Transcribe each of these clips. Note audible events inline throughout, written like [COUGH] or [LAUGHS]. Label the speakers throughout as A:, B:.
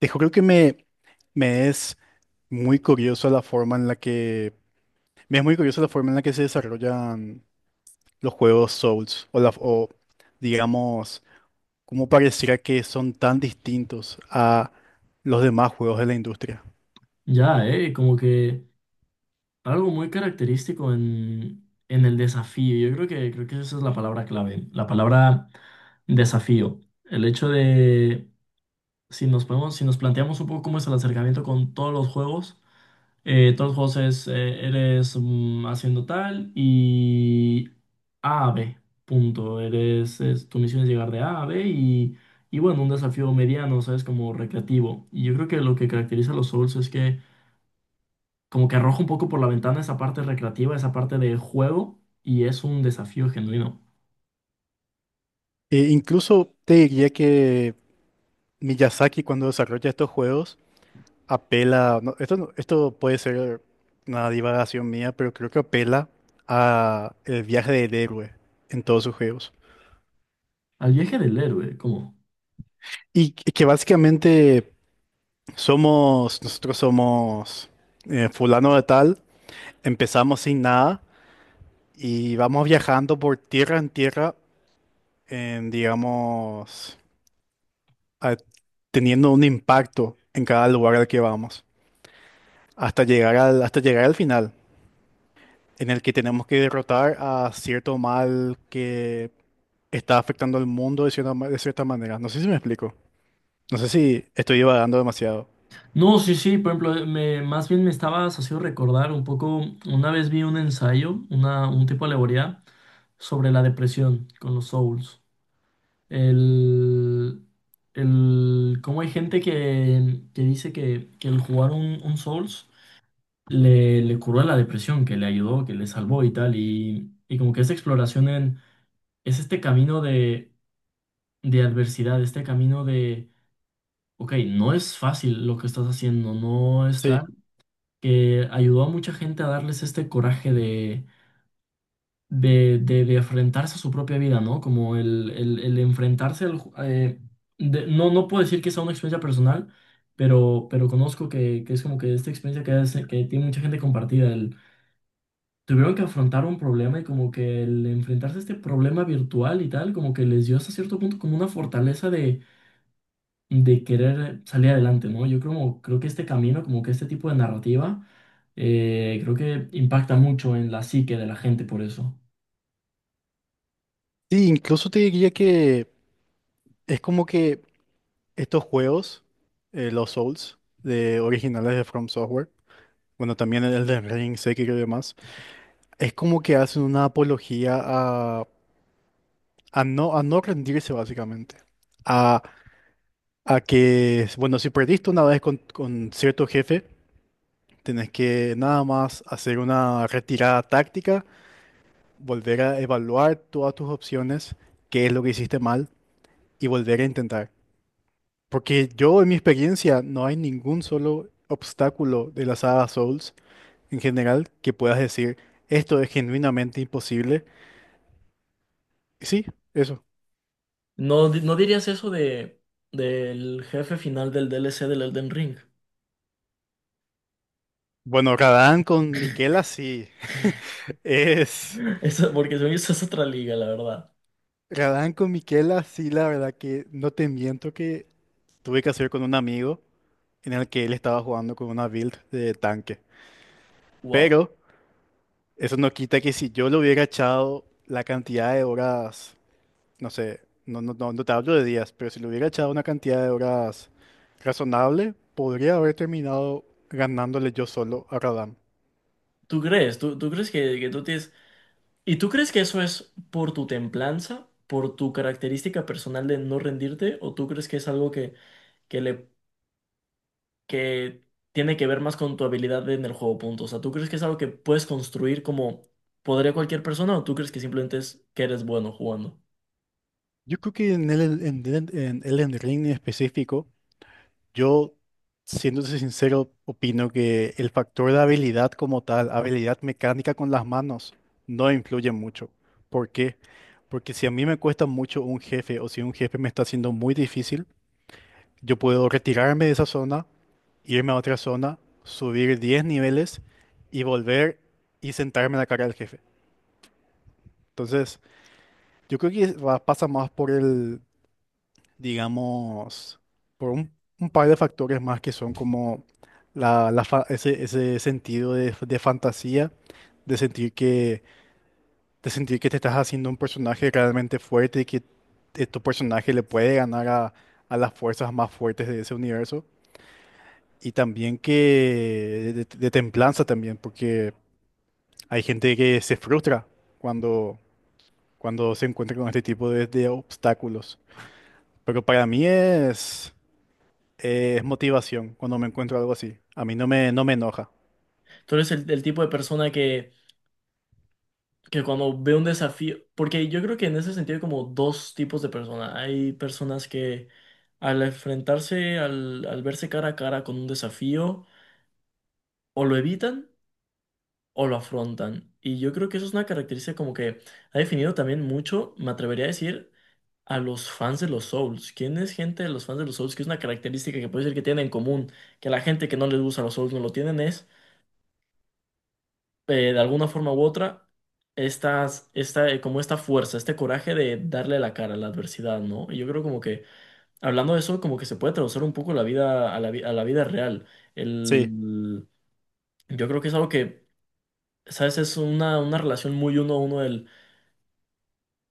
A: Dijo, creo que me es muy curioso la forma en la que me es muy curiosa la forma en la que se desarrollan los juegos Souls o digamos cómo pareciera que son tan distintos a los demás juegos de la industria.
B: Ya, como que algo muy característico en el desafío. Yo creo creo que esa es la palabra clave, la palabra desafío. El hecho de, si nos podemos, si nos planteamos un poco cómo es el acercamiento con todos los juegos es, eres haciendo tal y A a B, punto. Eres, tu misión es llegar de A a B y bueno, un desafío mediano, ¿sabes? Como recreativo. Y yo creo que lo que caracteriza a los Souls es que como que arroja un poco por la ventana esa parte recreativa, esa parte de juego, y es un desafío genuino.
A: E incluso te diría que Miyazaki cuando desarrolla estos juegos apela, no, esto puede ser una divagación mía, pero creo que apela a el viaje del héroe en todos sus juegos.
B: Al viaje del héroe, ¿cómo?
A: Y que básicamente nosotros somos fulano de tal, empezamos sin nada y vamos viajando por tierra en tierra, en, digamos, a- teniendo un impacto en cada lugar al que vamos, hasta llegar al final, en el que tenemos que derrotar a cierto mal que está afectando al mundo de cierta manera. No sé si me explico, no sé si estoy divagando demasiado.
B: No, sí, sí, por ejemplo, más bien me estaba haciendo recordar un poco, una vez vi un ensayo, un tipo de alegoría sobre la depresión con los souls. El, cómo hay gente que dice que el jugar un souls le curó la depresión, que le ayudó, que le salvó y tal, y como que esa exploración en es este camino de adversidad, este camino de, ok, no es fácil lo que estás haciendo, no está,
A: Sí,
B: que ayudó a mucha gente a darles este coraje de enfrentarse a su propia vida, ¿no? Como el enfrentarse al... no, no puedo decir que sea una experiencia personal, pero conozco que es como que esta experiencia que tiene mucha gente compartida, el... Tuvieron que afrontar un problema y como que el enfrentarse a este problema virtual y tal, como que les dio hasta cierto punto como una fortaleza de querer salir adelante, ¿no? Yo creo que este camino, como que este tipo de narrativa, creo que impacta mucho en la psique de la gente por eso.
A: Sí, incluso te diría que es como que estos juegos, los Souls, de originales de From Software, bueno, también el de Ring, Sekiro y demás, es como que hacen una apología a no rendirse básicamente. A, a que, bueno, si perdiste una vez con cierto jefe, tenés que nada más hacer una retirada táctica, volver a evaluar todas tus opciones, qué es lo que hiciste mal y volver a intentar. Porque yo, en mi experiencia, no hay ningún solo obstáculo de la saga Souls en general que puedas decir, esto es genuinamente imposible. Y sí, eso.
B: ¿No, no dirías eso de del jefe final del DLC del Elden Ring?
A: Bueno, Radán con Miquela sí. [LAUGHS] Es.
B: [LAUGHS] Eso, porque según yo, eso es otra liga, la verdad.
A: Radán con Miquela sí, la verdad que no te miento que tuve que hacer con un amigo en el que él estaba jugando con una build de tanque.
B: Wow.
A: Pero eso no quita que si yo le hubiera echado la cantidad de horas no sé, no, no, no, no te hablo de días, pero si le hubiera echado una cantidad de horas razonable, podría haber terminado ganándole yo solo a Radam.
B: ¿Tú crees? Tú crees que tú tienes... ¿Y tú crees que eso es por tu templanza, por tu característica personal de no rendirte? ¿O tú crees que es algo que le que tiene que ver más con tu habilidad en el juego, punto. O sea, ¿tú crees que es algo que puedes construir como podría cualquier persona o tú crees que simplemente es que eres bueno jugando?
A: Yo creo que en Elden Ring en específico, yo, siéndose sincero, opino que el factor de habilidad como tal, habilidad mecánica con las manos, no influye mucho. ¿Por qué? Porque si a mí me cuesta mucho un jefe o si un jefe me está haciendo muy difícil, yo puedo retirarme de esa zona, irme a otra zona, subir 10 niveles y volver y sentarme en la cara del jefe. Entonces, yo creo que pasa más por el, digamos, por un par de factores más que son como ese sentido de fantasía, de sentir que, de sentir que te estás haciendo un personaje realmente fuerte y que tu personaje le puede ganar a las fuerzas más fuertes de ese universo. Y también que de templanza también, porque hay gente que se frustra cuando, cuando se encuentra con este tipo de obstáculos. Pero para mí es motivación cuando me encuentro algo así. A mí no me enoja.
B: Tú eres el tipo de persona que cuando ve un desafío, porque yo creo que en ese sentido hay como dos tipos de personas. Hay personas que al enfrentarse, al verse cara a cara con un desafío, o lo evitan o lo afrontan. Y yo creo que eso es una característica como que ha definido también mucho, me atrevería a decir, a los fans de los Souls. ¿Quién es gente de los fans de los Souls? Que es una característica que puede ser que tienen en común, que la gente que no les gusta los Souls no lo tienen, es de alguna forma u otra, como esta fuerza, este coraje de darle la cara a la adversidad, ¿no? Y yo creo como que, hablando de eso, como que se puede traducir un poco la vida, a la vida real.
A: Sí,
B: El, yo creo que es algo que, ¿sabes? Es una relación muy uno a uno del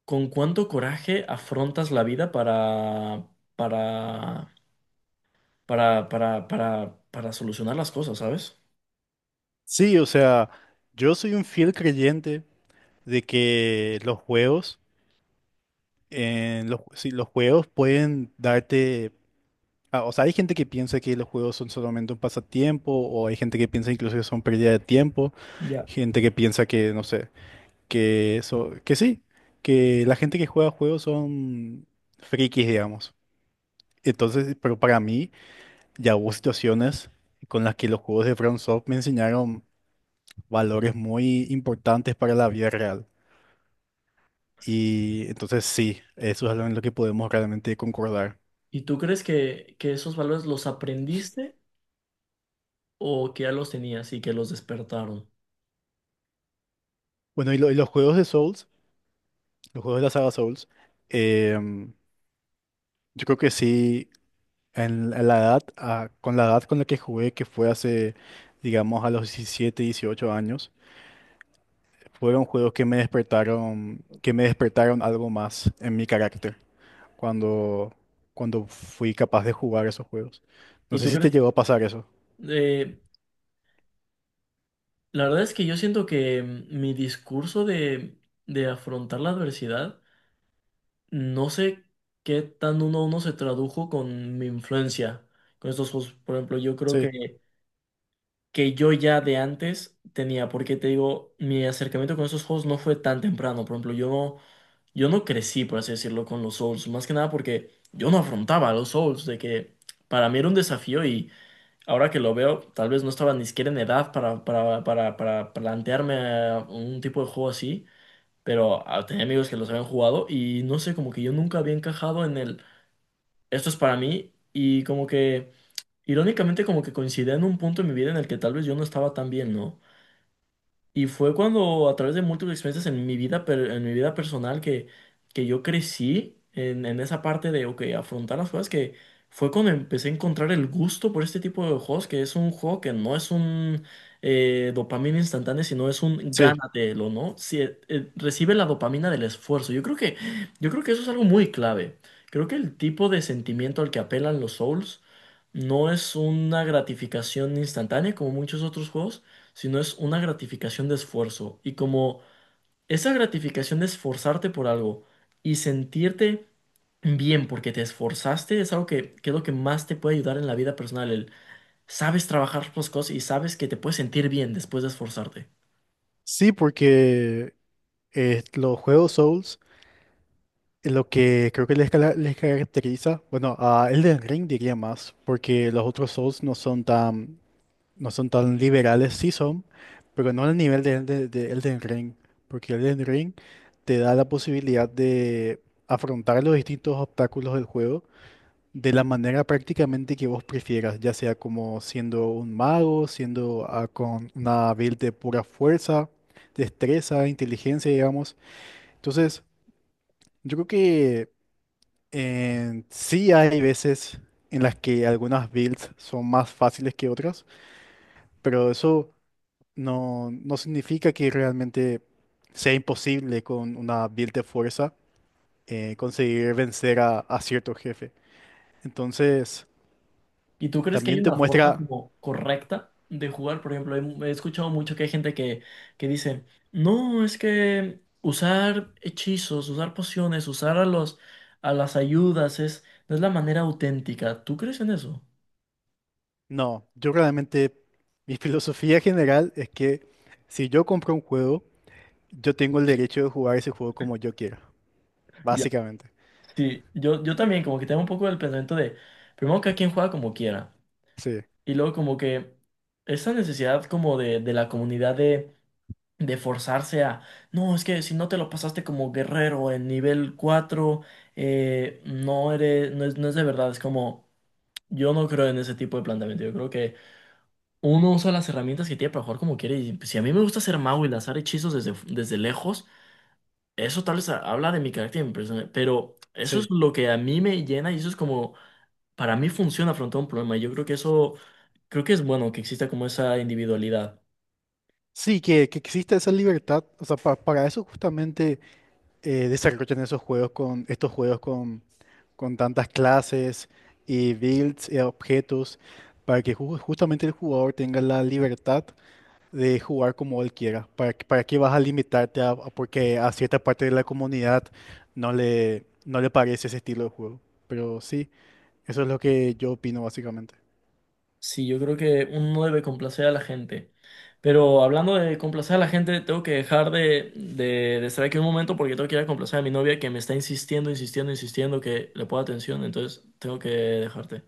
B: con cuánto coraje afrontas la vida para para solucionar las cosas, ¿sabes?
A: sí, o sea, yo soy un fiel creyente de que los juegos, sí, los juegos pueden darte. O sea, hay gente que piensa que los juegos son solamente un pasatiempo, o hay gente que piensa incluso que son pérdida de tiempo,
B: Ya.
A: gente que piensa que, no sé que eso, que sí, que la gente que juega juegos son frikis, digamos. Entonces, pero para mí ya hubo situaciones con las que los juegos de FromSoft me enseñaron valores muy importantes para la vida real. Y entonces sí, eso es algo en lo que podemos realmente concordar.
B: ¿Y tú crees que esos valores los aprendiste o que ya los tenías y que los despertaron?
A: Bueno, y los juegos de Souls, los juegos de la saga Souls, em, yo creo que sí, en la edad, con la edad con la que jugué, que fue hace, digamos, a los 17 18 años, fueron juegos que me despertaron algo más en mi carácter cuando, cuando fui capaz de jugar esos juegos. No
B: ¿Y
A: sé
B: tú
A: si te
B: crees?
A: llegó a pasar eso.
B: eh, la verdad es que yo siento que mi discurso de afrontar la adversidad, no sé qué tan uno a uno se tradujo con mi influencia, con estos juegos. Por ejemplo, yo creo
A: Sí,
B: que yo ya de antes tenía, porque te digo, mi acercamiento con esos juegos no fue tan temprano. Por ejemplo, yo no crecí, por así decirlo, con los Souls, más que nada porque yo no afrontaba a los Souls, de que para mí era un desafío y ahora que lo veo, tal vez no estaba ni siquiera en edad para plantearme un tipo de juego así, pero tenía amigos que los habían jugado y no sé, como que yo nunca había encajado en el, esto es para mí y como que... Irónicamente como que coincidía en un punto en mi vida en el que tal vez yo no estaba tan bien, ¿no? Y fue cuando a través de múltiples experiencias en mi vida, en mi vida personal que yo crecí en esa parte de, ok, afrontar las cosas, que fue cuando empecé a encontrar el gusto por este tipo de juegos, que es un juego que no es un dopamina instantánea, sino es un
A: sí,
B: gánatelo, ¿no? Si, recibe la dopamina del esfuerzo. Yo creo yo creo que eso es algo muy clave. Creo que el tipo de sentimiento al que apelan los Souls no es una gratificación instantánea como muchos otros juegos sino es una gratificación de esfuerzo. Y como esa gratificación de esforzarte por algo y sentirte bien porque te esforzaste es algo que es lo que más te puede ayudar en la vida personal. El sabes trabajar las cosas y sabes que te puedes sentir bien después de esforzarte.
A: sí, porque los juegos Souls, lo que creo que les caracteriza, bueno, a Elden Ring diría más, porque los otros Souls no son tan liberales, sí son, pero no al nivel de Elden Ring, porque Elden Ring te da la posibilidad de afrontar los distintos obstáculos del juego de la manera prácticamente que vos prefieras, ya sea como siendo un mago, siendo con una build de pura fuerza, destreza, inteligencia, digamos. Entonces, yo creo que sí hay veces en las que algunas builds son más fáciles que otras, pero eso no significa que realmente sea imposible con una build de fuerza conseguir vencer a cierto jefe. Entonces,
B: ¿Y tú crees que hay
A: también te
B: una forma
A: muestra,
B: como correcta de jugar? Por ejemplo, he escuchado mucho que hay gente que dice, no, es que usar hechizos, usar pociones, usar a a las ayudas es, no es la manera auténtica. ¿Tú crees en eso?
A: no, yo realmente, mi filosofía general es que si yo compro un juego, yo tengo el derecho de jugar ese juego como yo quiera,
B: Ya,
A: básicamente.
B: sí, yo también como que tengo un poco el pensamiento de, primero cada quien juega como quiera,
A: Sí,
B: y luego como que esa necesidad como de la comunidad de forzarse a, no, es que si no te lo pasaste como guerrero en nivel 4 no eres, no es de verdad, es como, yo no creo en ese tipo de planteamiento, yo creo que uno usa las herramientas que tiene para jugar como quiere, y pues, si a mí me gusta hacer mago y lanzar hechizos desde lejos, eso tal vez habla de mi carácter y mi persona, pero eso es
A: sí.
B: lo que a mí me llena y eso es como, para mí funciona afrontar un problema, y yo creo que eso, creo que es bueno que exista como esa individualidad.
A: Sí, que exista esa libertad, o sea, para eso justamente desarrollan esos juegos con, estos juegos con tantas clases y builds y objetos, para que justamente el jugador tenga la libertad de jugar como él quiera. ¿Para qué vas a limitarte a porque a cierta parte de la comunidad no le parece ese estilo de juego? Pero sí, eso es lo que yo opino básicamente.
B: Sí, yo creo que uno no debe complacer a la gente. Pero hablando de complacer a la gente, tengo que dejar de estar aquí un momento porque tengo que ir a complacer a mi novia que me está insistiendo, insistiendo, insistiendo que le pueda atención. Entonces, tengo que dejarte.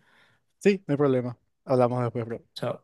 A: Sí, no hay problema. Hablamos después, bro.
B: Chao.